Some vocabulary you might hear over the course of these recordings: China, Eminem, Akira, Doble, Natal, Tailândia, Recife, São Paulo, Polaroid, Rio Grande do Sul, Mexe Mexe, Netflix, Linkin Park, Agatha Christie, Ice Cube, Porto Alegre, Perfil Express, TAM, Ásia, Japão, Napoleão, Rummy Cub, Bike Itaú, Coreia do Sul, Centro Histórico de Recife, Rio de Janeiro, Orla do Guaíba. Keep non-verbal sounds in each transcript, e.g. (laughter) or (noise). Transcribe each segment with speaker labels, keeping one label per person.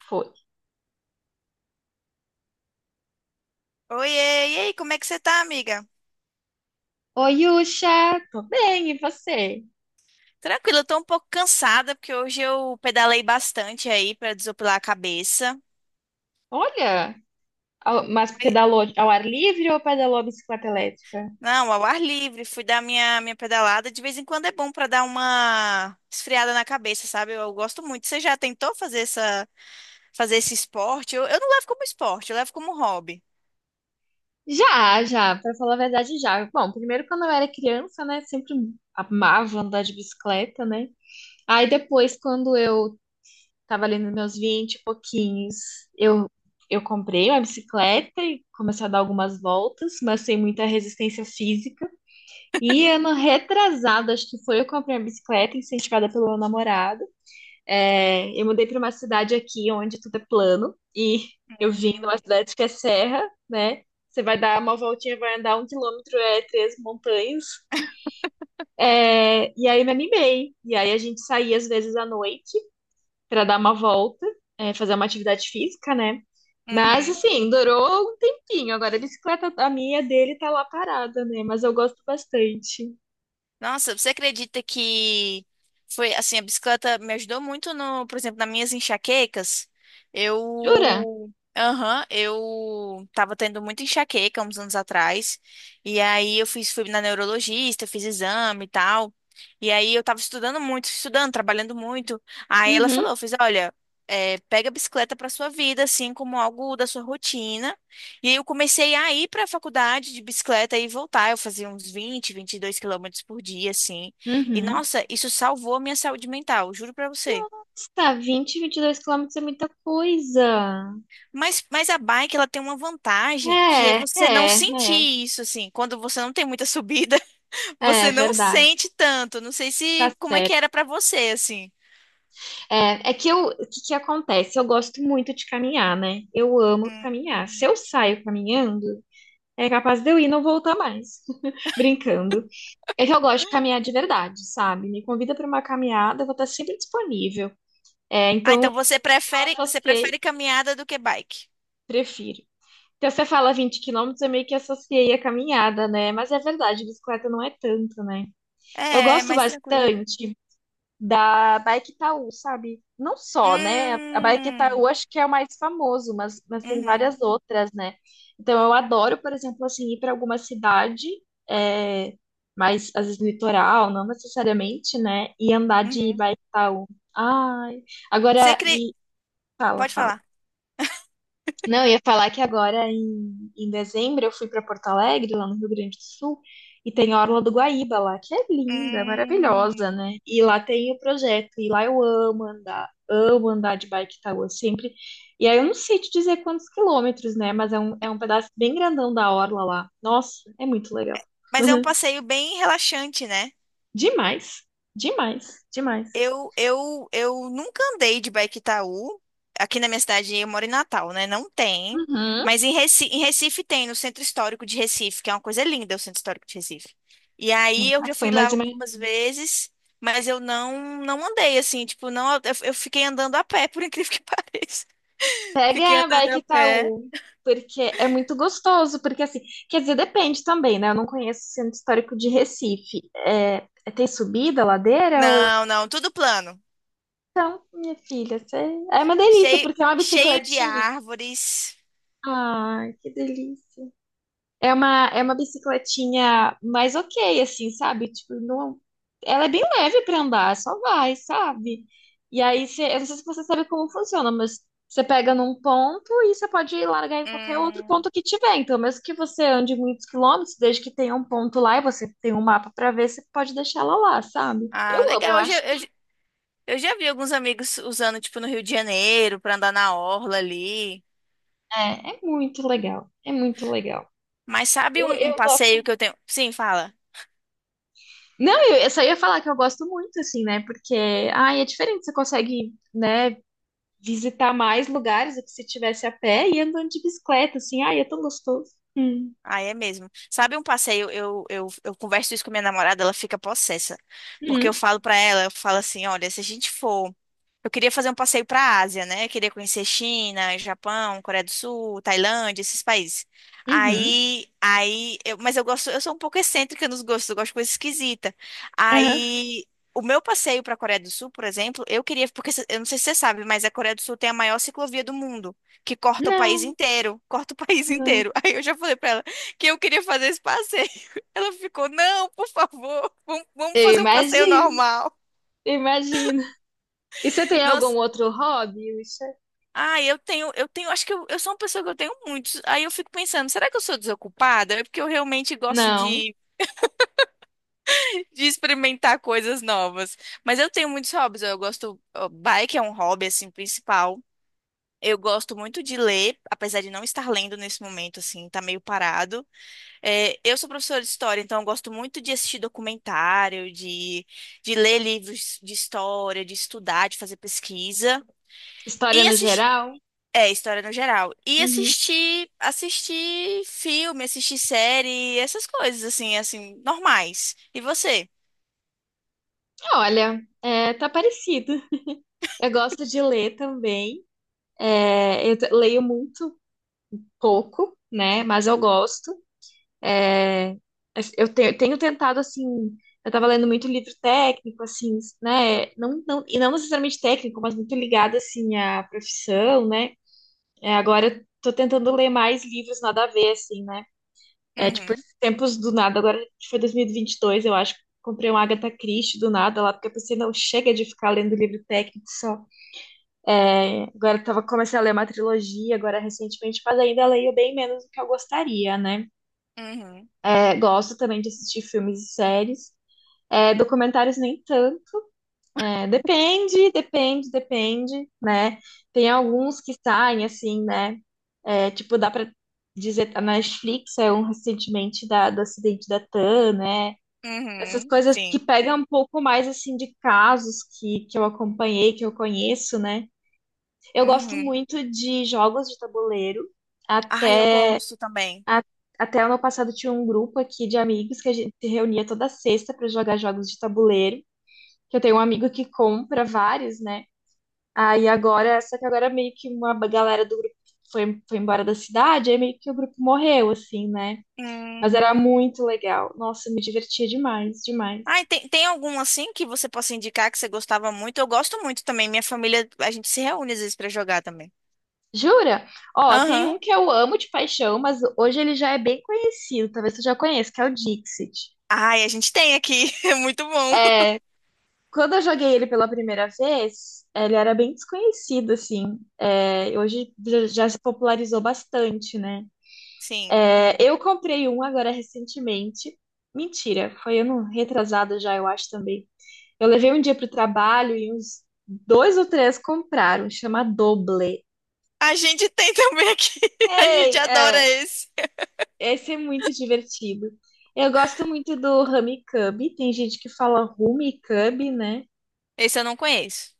Speaker 1: Foi.
Speaker 2: Oiê, e aí, como é que você tá, amiga?
Speaker 1: Oi, Yusha, tô bem, e você?
Speaker 2: Tranquilo, eu tô um pouco cansada, porque hoje eu pedalei bastante aí pra desopilar a cabeça.
Speaker 1: Olha, mas
Speaker 2: Foi-
Speaker 1: pedalou ao ar livre ou pedalou a bicicleta elétrica?
Speaker 2: Não, ao ar livre, fui dar minha pedalada. De vez em quando é bom pra dar uma esfriada na cabeça, sabe? Eu gosto muito. Você já tentou fazer fazer esse esporte? Eu não levo como esporte, eu levo como hobby.
Speaker 1: Já, já, pra falar a verdade, já. Bom, primeiro quando eu era criança, né, sempre amava andar de bicicleta, né? Aí depois, quando eu tava ali nos meus 20 e pouquinhos, eu, eu comprei uma bicicleta e comecei a dar algumas voltas, mas sem muita resistência física. E ano retrasado, acho que foi, eu comprei uma bicicleta incentivada pelo meu namorado. É, eu mudei para uma cidade aqui onde tudo é plano e eu vim
Speaker 2: Hum.
Speaker 1: numa cidade que é serra, né? Você vai dar uma voltinha, vai andar um quilômetro, é três montanhas. É, e aí me animei. E aí a gente saía às vezes à noite para dar uma volta, é, fazer uma atividade física, né? Mas
Speaker 2: Uhum.
Speaker 1: assim, durou um tempinho. Agora a bicicleta, a minha dele tá lá parada, né? Mas eu gosto bastante.
Speaker 2: Nossa, você acredita que foi assim, a bicicleta me ajudou muito no, por exemplo, nas minhas enxaquecas.
Speaker 1: Jura?
Speaker 2: Eu, aham, eu tava tendo muita enxaqueca uns anos atrás. E aí eu fiz fui na neurologista, fiz exame e tal. E aí eu tava estudando muito, estudando, trabalhando muito. Aí ela
Speaker 1: Uhum,
Speaker 2: falou, eu fiz, olha, é, pega a bicicleta pra sua vida, assim como algo da sua rotina. E aí eu comecei a ir para a faculdade de bicicleta e voltar. Eu fazia uns 22 km por dia, assim. E
Speaker 1: uhum.
Speaker 2: nossa, isso salvou a minha saúde mental, juro para você.
Speaker 1: Nossa, 20, 22 quilômetros é muita coisa.
Speaker 2: Mas a bike, ela tem uma vantagem que é
Speaker 1: É,
Speaker 2: você não
Speaker 1: é,
Speaker 2: sentir
Speaker 1: é,
Speaker 2: isso, assim. Quando você não tem muita subida, (laughs)
Speaker 1: é
Speaker 2: você não
Speaker 1: verdade,
Speaker 2: sente tanto. Não sei
Speaker 1: tá
Speaker 2: se como é que
Speaker 1: certo.
Speaker 2: era para você, assim.
Speaker 1: É, é que eu, o que que acontece? Eu gosto muito de caminhar, né? Eu amo caminhar. Se
Speaker 2: Hum.
Speaker 1: eu saio caminhando, é capaz de eu ir e não voltar mais, (laughs) brincando. É que eu gosto de caminhar de verdade, sabe? Me convida para uma caminhada, eu vou estar sempre disponível. É,
Speaker 2: Ah,
Speaker 1: então
Speaker 2: então
Speaker 1: eu
Speaker 2: você
Speaker 1: associei,
Speaker 2: prefere caminhada do que bike?
Speaker 1: prefiro. Então você fala 20 quilômetros, eu meio que associei a caminhada, né? Mas é verdade, bicicleta não é tanto, né? Eu
Speaker 2: É, é
Speaker 1: gosto
Speaker 2: mais tranquilo.
Speaker 1: bastante da Bike Itaú, sabe? Não só, né? A Bike
Speaker 2: Hum,
Speaker 1: Itaú acho que é o mais famoso, mas tem
Speaker 2: uhum,
Speaker 1: várias outras, né? Então eu adoro, por exemplo, assim, ir para alguma cidade, é, mais às vezes litoral, não necessariamente, né? E andar de
Speaker 2: uhum.
Speaker 1: Bike Itaú. Ai,
Speaker 2: Você
Speaker 1: agora
Speaker 2: cri...
Speaker 1: e fala,
Speaker 2: Pode
Speaker 1: fala.
Speaker 2: falar.
Speaker 1: Não, eu ia falar que agora em dezembro eu fui para Porto Alegre, lá no Rio Grande do Sul, e tem a Orla do Guaíba lá, que é linda, maravilhosa, né?
Speaker 2: Hum,
Speaker 1: E lá tem o projeto, e lá eu amo andar de Bike Itaú sempre. E aí eu não sei te dizer quantos quilômetros, né? Mas é um pedaço bem grandão da Orla lá. Nossa, é muito legal.
Speaker 2: mas é um passeio bem relaxante, né?
Speaker 1: Demais, demais, demais.
Speaker 2: Eu nunca andei de Bike Itaú. Aqui na minha cidade, eu moro em Natal, né? Não tem.
Speaker 1: Uhum.
Speaker 2: Mas em Recife tem, no Centro Histórico de Recife, que é uma coisa linda, o Centro Histórico de Recife. E aí eu
Speaker 1: Nunca
Speaker 2: já
Speaker 1: foi,
Speaker 2: fui lá
Speaker 1: mas
Speaker 2: algumas
Speaker 1: imagina.
Speaker 2: vezes, mas eu não, não andei assim, tipo, não, eu fiquei andando a pé, (laughs) por incrível que (laughs) pareça. Fiquei
Speaker 1: Pega a
Speaker 2: andando
Speaker 1: Bike
Speaker 2: a pé.
Speaker 1: Itaú, porque é muito gostoso, porque assim, quer dizer, depende também, né? Eu não conheço o Centro Histórico de Recife. É, tem subida, ladeira ou...
Speaker 2: Não, tudo plano.
Speaker 1: Então, minha filha, é uma delícia,
Speaker 2: Cheio,
Speaker 1: porque é uma
Speaker 2: cheio de
Speaker 1: bicicletinha.
Speaker 2: árvores.
Speaker 1: Ai, que delícia. É uma bicicletinha mais ok, assim, sabe? Tipo, não. Ela é bem leve pra andar, só vai, sabe? E aí, eu não sei se você sabe como funciona, mas você pega num ponto e você pode largar em qualquer outro
Speaker 2: Hum,
Speaker 1: ponto que tiver. Então, mesmo que você ande muitos quilômetros, desde que tenha um ponto lá e você tem um mapa pra ver, você pode deixar ela lá, sabe?
Speaker 2: ah,
Speaker 1: Eu amo, eu
Speaker 2: legal. Eu
Speaker 1: acho
Speaker 2: já, eu,
Speaker 1: que
Speaker 2: já eu já vi alguns amigos usando, tipo, no Rio de Janeiro, pra andar na orla ali.
Speaker 1: é muito legal. É muito legal.
Speaker 2: Mas sabe
Speaker 1: Eu,
Speaker 2: um
Speaker 1: eu gosto.
Speaker 2: passeio que eu tenho? Sim, fala.
Speaker 1: Não, eu só ia falar que eu gosto muito, assim, né? Porque, ai, é diferente, você consegue, né? Visitar mais lugares do que se tivesse a pé e andando de bicicleta, assim. Ai, é tão gostoso. Hum.
Speaker 2: Ah, é mesmo. Sabe um passeio? Eu converso isso com minha namorada, ela fica possessa. Porque eu
Speaker 1: Uhum,
Speaker 2: falo pra ela, eu falo assim: olha, se a gente for. Eu queria fazer um passeio para a Ásia, né? Eu queria conhecer China, Japão, Coreia do Sul, Tailândia, esses países.
Speaker 1: uhum,
Speaker 2: Mas eu gosto, eu sou um pouco excêntrica nos gostos, eu gosto de coisa esquisita.
Speaker 1: aham.
Speaker 2: Aí, o meu passeio para a Coreia do Sul, por exemplo, eu queria, eu não sei se você sabe, mas a Coreia do Sul tem a maior ciclovia do mundo, que corta o país
Speaker 1: Não,
Speaker 2: inteiro, corta o (laughs) país
Speaker 1: não.
Speaker 2: inteiro. Aí eu já falei para ela que eu queria fazer esse passeio. (laughs) Ela ficou, não, por favor, vamos
Speaker 1: Eu
Speaker 2: fazer um passeio
Speaker 1: imagino,
Speaker 2: normal.
Speaker 1: eu imagino. E você tem algum
Speaker 2: Nossa,
Speaker 1: outro hobby, Ucha?
Speaker 2: ah, eu tenho, acho que eu sou uma pessoa que eu tenho muitos. Aí eu fico pensando, será que eu sou desocupada? É porque eu realmente gosto
Speaker 1: Não.
Speaker 2: de, (laughs) de experimentar coisas novas. Mas eu tenho muitos hobbies. Eu gosto, ó, bike é um hobby assim principal. Eu gosto muito de ler, apesar de não estar lendo nesse momento, assim, tá meio parado. É, eu sou professora de história, então eu gosto muito de assistir documentário, de ler livros de história, de estudar, de fazer pesquisa.
Speaker 1: História
Speaker 2: E
Speaker 1: no geral?
Speaker 2: é, história no geral. E
Speaker 1: Uhum.
Speaker 2: assistir filme, assistir série, essas coisas assim, normais. E você?
Speaker 1: Olha, é, tá parecido. Eu gosto de ler também. É, eu leio muito pouco, né? Mas eu gosto. É, eu tenho tentado, assim, eu tava lendo muito livro técnico, assim, né? Não, não, e não necessariamente técnico, mas muito ligado, assim, à profissão, né? É, agora eu tô tentando ler mais livros nada a ver, assim, né? É, tipo,
Speaker 2: Uhum,
Speaker 1: esses tempos do nada, agora foi dois mil e vinte e dois eu acho, comprei um Agatha Christie do nada lá, porque eu pensei, não, chega de ficar lendo livro técnico só. É, agora eu comecei a ler uma trilogia, agora recentemente, mas ainda leio bem menos do que eu gostaria, né?
Speaker 2: uhum,
Speaker 1: É, gosto também de assistir filmes e séries. É, documentários nem tanto. É, depende, depende, depende, né? Tem alguns que saem assim, né? É, tipo, dá pra dizer, a Netflix é um recentemente da, do acidente da TAM, né? Essas
Speaker 2: uhum,
Speaker 1: coisas que
Speaker 2: sim.
Speaker 1: pegam um pouco mais assim de casos que eu acompanhei, que eu conheço, né? Eu gosto
Speaker 2: Uhum.
Speaker 1: muito de jogos de tabuleiro,
Speaker 2: Ai, eu
Speaker 1: até
Speaker 2: gosto também.
Speaker 1: a- até ano passado tinha um grupo aqui de amigos que a gente se reunia toda sexta para jogar jogos de tabuleiro, que eu tenho um amigo que compra vários, né? Aí agora, só que agora meio que uma galera do grupo foi embora da cidade, aí meio que o grupo morreu, assim, né? Mas
Speaker 2: Hum.
Speaker 1: era muito legal. Nossa, eu me divertia demais, demais.
Speaker 2: Ai, tem algum assim que você possa indicar que você gostava muito? Eu gosto muito também. Minha família, a gente se reúne às vezes pra jogar também.
Speaker 1: Jura? Ó, tem
Speaker 2: Aham.
Speaker 1: um que eu amo de paixão, mas hoje ele já é bem conhecido, talvez tu já conheça, que é o Dixit.
Speaker 2: Ai, a gente tem aqui. (laughs) É muito bom.
Speaker 1: é Quando eu joguei ele pela primeira vez, ele era bem desconhecido, assim. É, hoje já já se popularizou bastante, né?
Speaker 2: Sim.
Speaker 1: É, eu comprei um agora recentemente. Mentira, foi ano retrasado já, eu acho também. Eu levei um dia pro trabalho e uns dois ou três compraram, chama Doble.
Speaker 2: A gente tem também aqui. (laughs) A
Speaker 1: Ei,
Speaker 2: gente adora
Speaker 1: é,
Speaker 2: esse.
Speaker 1: esse é muito divertido. Eu gosto muito do Rummy Cub, tem gente que fala Rummy Cub, né?
Speaker 2: Esse eu não conheço.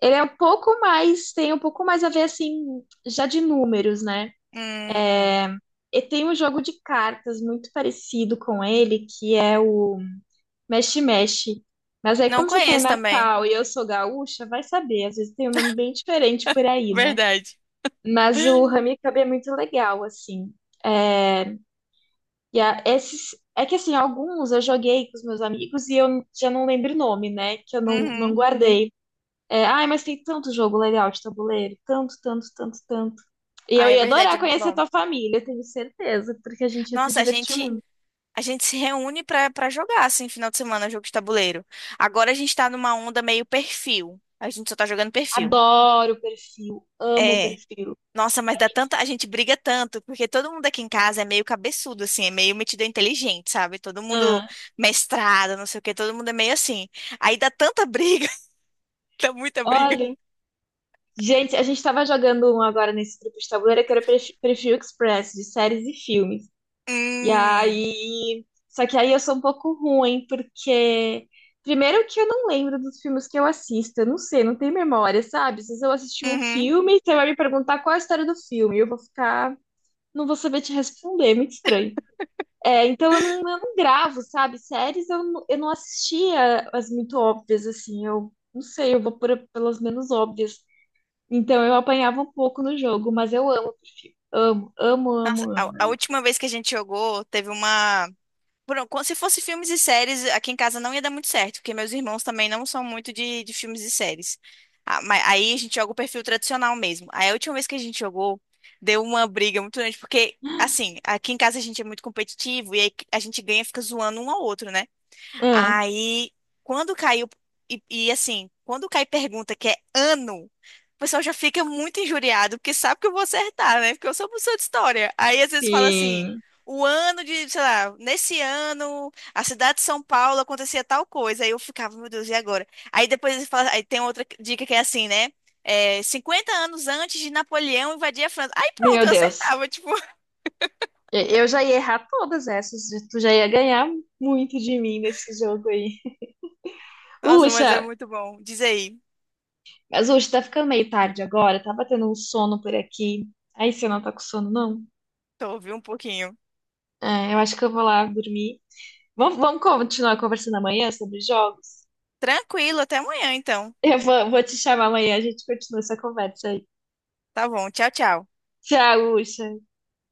Speaker 1: Ele é um pouco mais, tem um pouco mais a ver assim, já de números, né?
Speaker 2: Hum,
Speaker 1: É, e tem um jogo de cartas muito parecido com ele, que é o Mexe Mexe. Mas aí,
Speaker 2: não
Speaker 1: como você tem
Speaker 2: conheço também.
Speaker 1: Natal e eu sou gaúcha, vai saber, às vezes tem um nome bem diferente por aí, né?
Speaker 2: Verdade.
Speaker 1: Mas o
Speaker 2: (laughs)
Speaker 1: Ramikab é muito legal, assim. É, e esses, é que assim, alguns eu joguei com os meus amigos e eu já não lembro o nome, né? Que eu não
Speaker 2: Uhum.
Speaker 1: guardei. É, ai, mas tem tanto jogo legal de tabuleiro, tanto, tanto, tanto, tanto. E
Speaker 2: Ah,
Speaker 1: eu
Speaker 2: é
Speaker 1: ia
Speaker 2: verdade,
Speaker 1: adorar
Speaker 2: é muito
Speaker 1: conhecer a
Speaker 2: bom.
Speaker 1: tua família, eu tenho certeza, porque a gente ia se
Speaker 2: Nossa,
Speaker 1: divertir muito.
Speaker 2: a gente se reúne pra para jogar assim final de semana jogo de tabuleiro. Agora a gente tá numa onda meio perfil. A gente só tá jogando perfil.
Speaker 1: Adoro o perfil, amo o
Speaker 2: É.
Speaker 1: perfil.
Speaker 2: Nossa, mas
Speaker 1: A
Speaker 2: dá tanta,
Speaker 1: gente,
Speaker 2: a gente briga tanto, porque todo mundo aqui em casa é meio cabeçudo assim, é meio metido inteligente, sabe? Todo mundo
Speaker 1: ah,
Speaker 2: mestrado, não sei o quê, todo mundo é meio assim. Aí dá tanta briga, (laughs) dá muita briga.
Speaker 1: olha, gente, a gente tava jogando um agora nesse grupo de tabuleiro que era Perfil Express, de séries e filmes. E
Speaker 2: Hum.
Speaker 1: aí. Só que aí eu sou um pouco ruim, porque. Primeiro que eu não lembro dos filmes que eu assisto, eu não sei, não tenho memória, sabe? Se eu assistir um
Speaker 2: Uhum.
Speaker 1: filme, você vai me perguntar qual é a história do filme, eu vou ficar. Não vou saber te responder, é muito estranho. É, então eu não gravo, sabe? Séries eu não assistia as muito óbvias, assim, eu não sei, eu vou pelas menos óbvias. Então eu apanhava um pouco no jogo, mas eu amo, amo, amo, amo,
Speaker 2: A
Speaker 1: amo.
Speaker 2: última vez que a gente jogou, teve uma. Por- como Se fosse filmes e séries, aqui em casa não ia dar muito certo, porque meus irmãos também não são muito de filmes e séries. Ah, mas aí a gente joga o perfil tradicional mesmo. Aí a última vez que a gente jogou, deu uma briga muito grande, porque, assim, aqui em casa a gente é muito competitivo e aí a gente ganha e fica zoando um ao outro, né?
Speaker 1: Ah,
Speaker 2: Aí, quando caiu, quando cai pergunta que é ano, o pessoal já fica muito injuriado, porque sabe que eu vou acertar, né? Porque eu sou professor de história. Aí, às vezes, fala assim,
Speaker 1: sim.
Speaker 2: o ano de, sei lá, nesse ano, a cidade de São Paulo acontecia tal coisa. Aí eu ficava, meu Deus, e agora? Aí depois eles falam, aí tem outra dica que é assim, né? É, 50 anos antes de Napoleão invadir a França. Aí pronto,
Speaker 1: Meu
Speaker 2: eu
Speaker 1: Deus.
Speaker 2: acertava, tipo, (laughs)
Speaker 1: Eu já ia errar todas essas. E tu já ia ganhar muito de mim nesse jogo aí.
Speaker 2: nossa,
Speaker 1: Uxa,
Speaker 2: mas é muito bom. Diz aí,
Speaker 1: mas Uxa, tá ficando meio tarde agora. Tá batendo um sono por aqui. Aí você não tá com sono, não?
Speaker 2: tô ouvindo um pouquinho.
Speaker 1: É, eu acho que eu vou lá dormir. Vamos continuar conversando amanhã sobre jogos?
Speaker 2: Tranquilo, até amanhã, então.
Speaker 1: Eu vou te chamar amanhã, a gente continua essa conversa aí.
Speaker 2: Tá bom, tchau, tchau.
Speaker 1: Tchau, Uxa.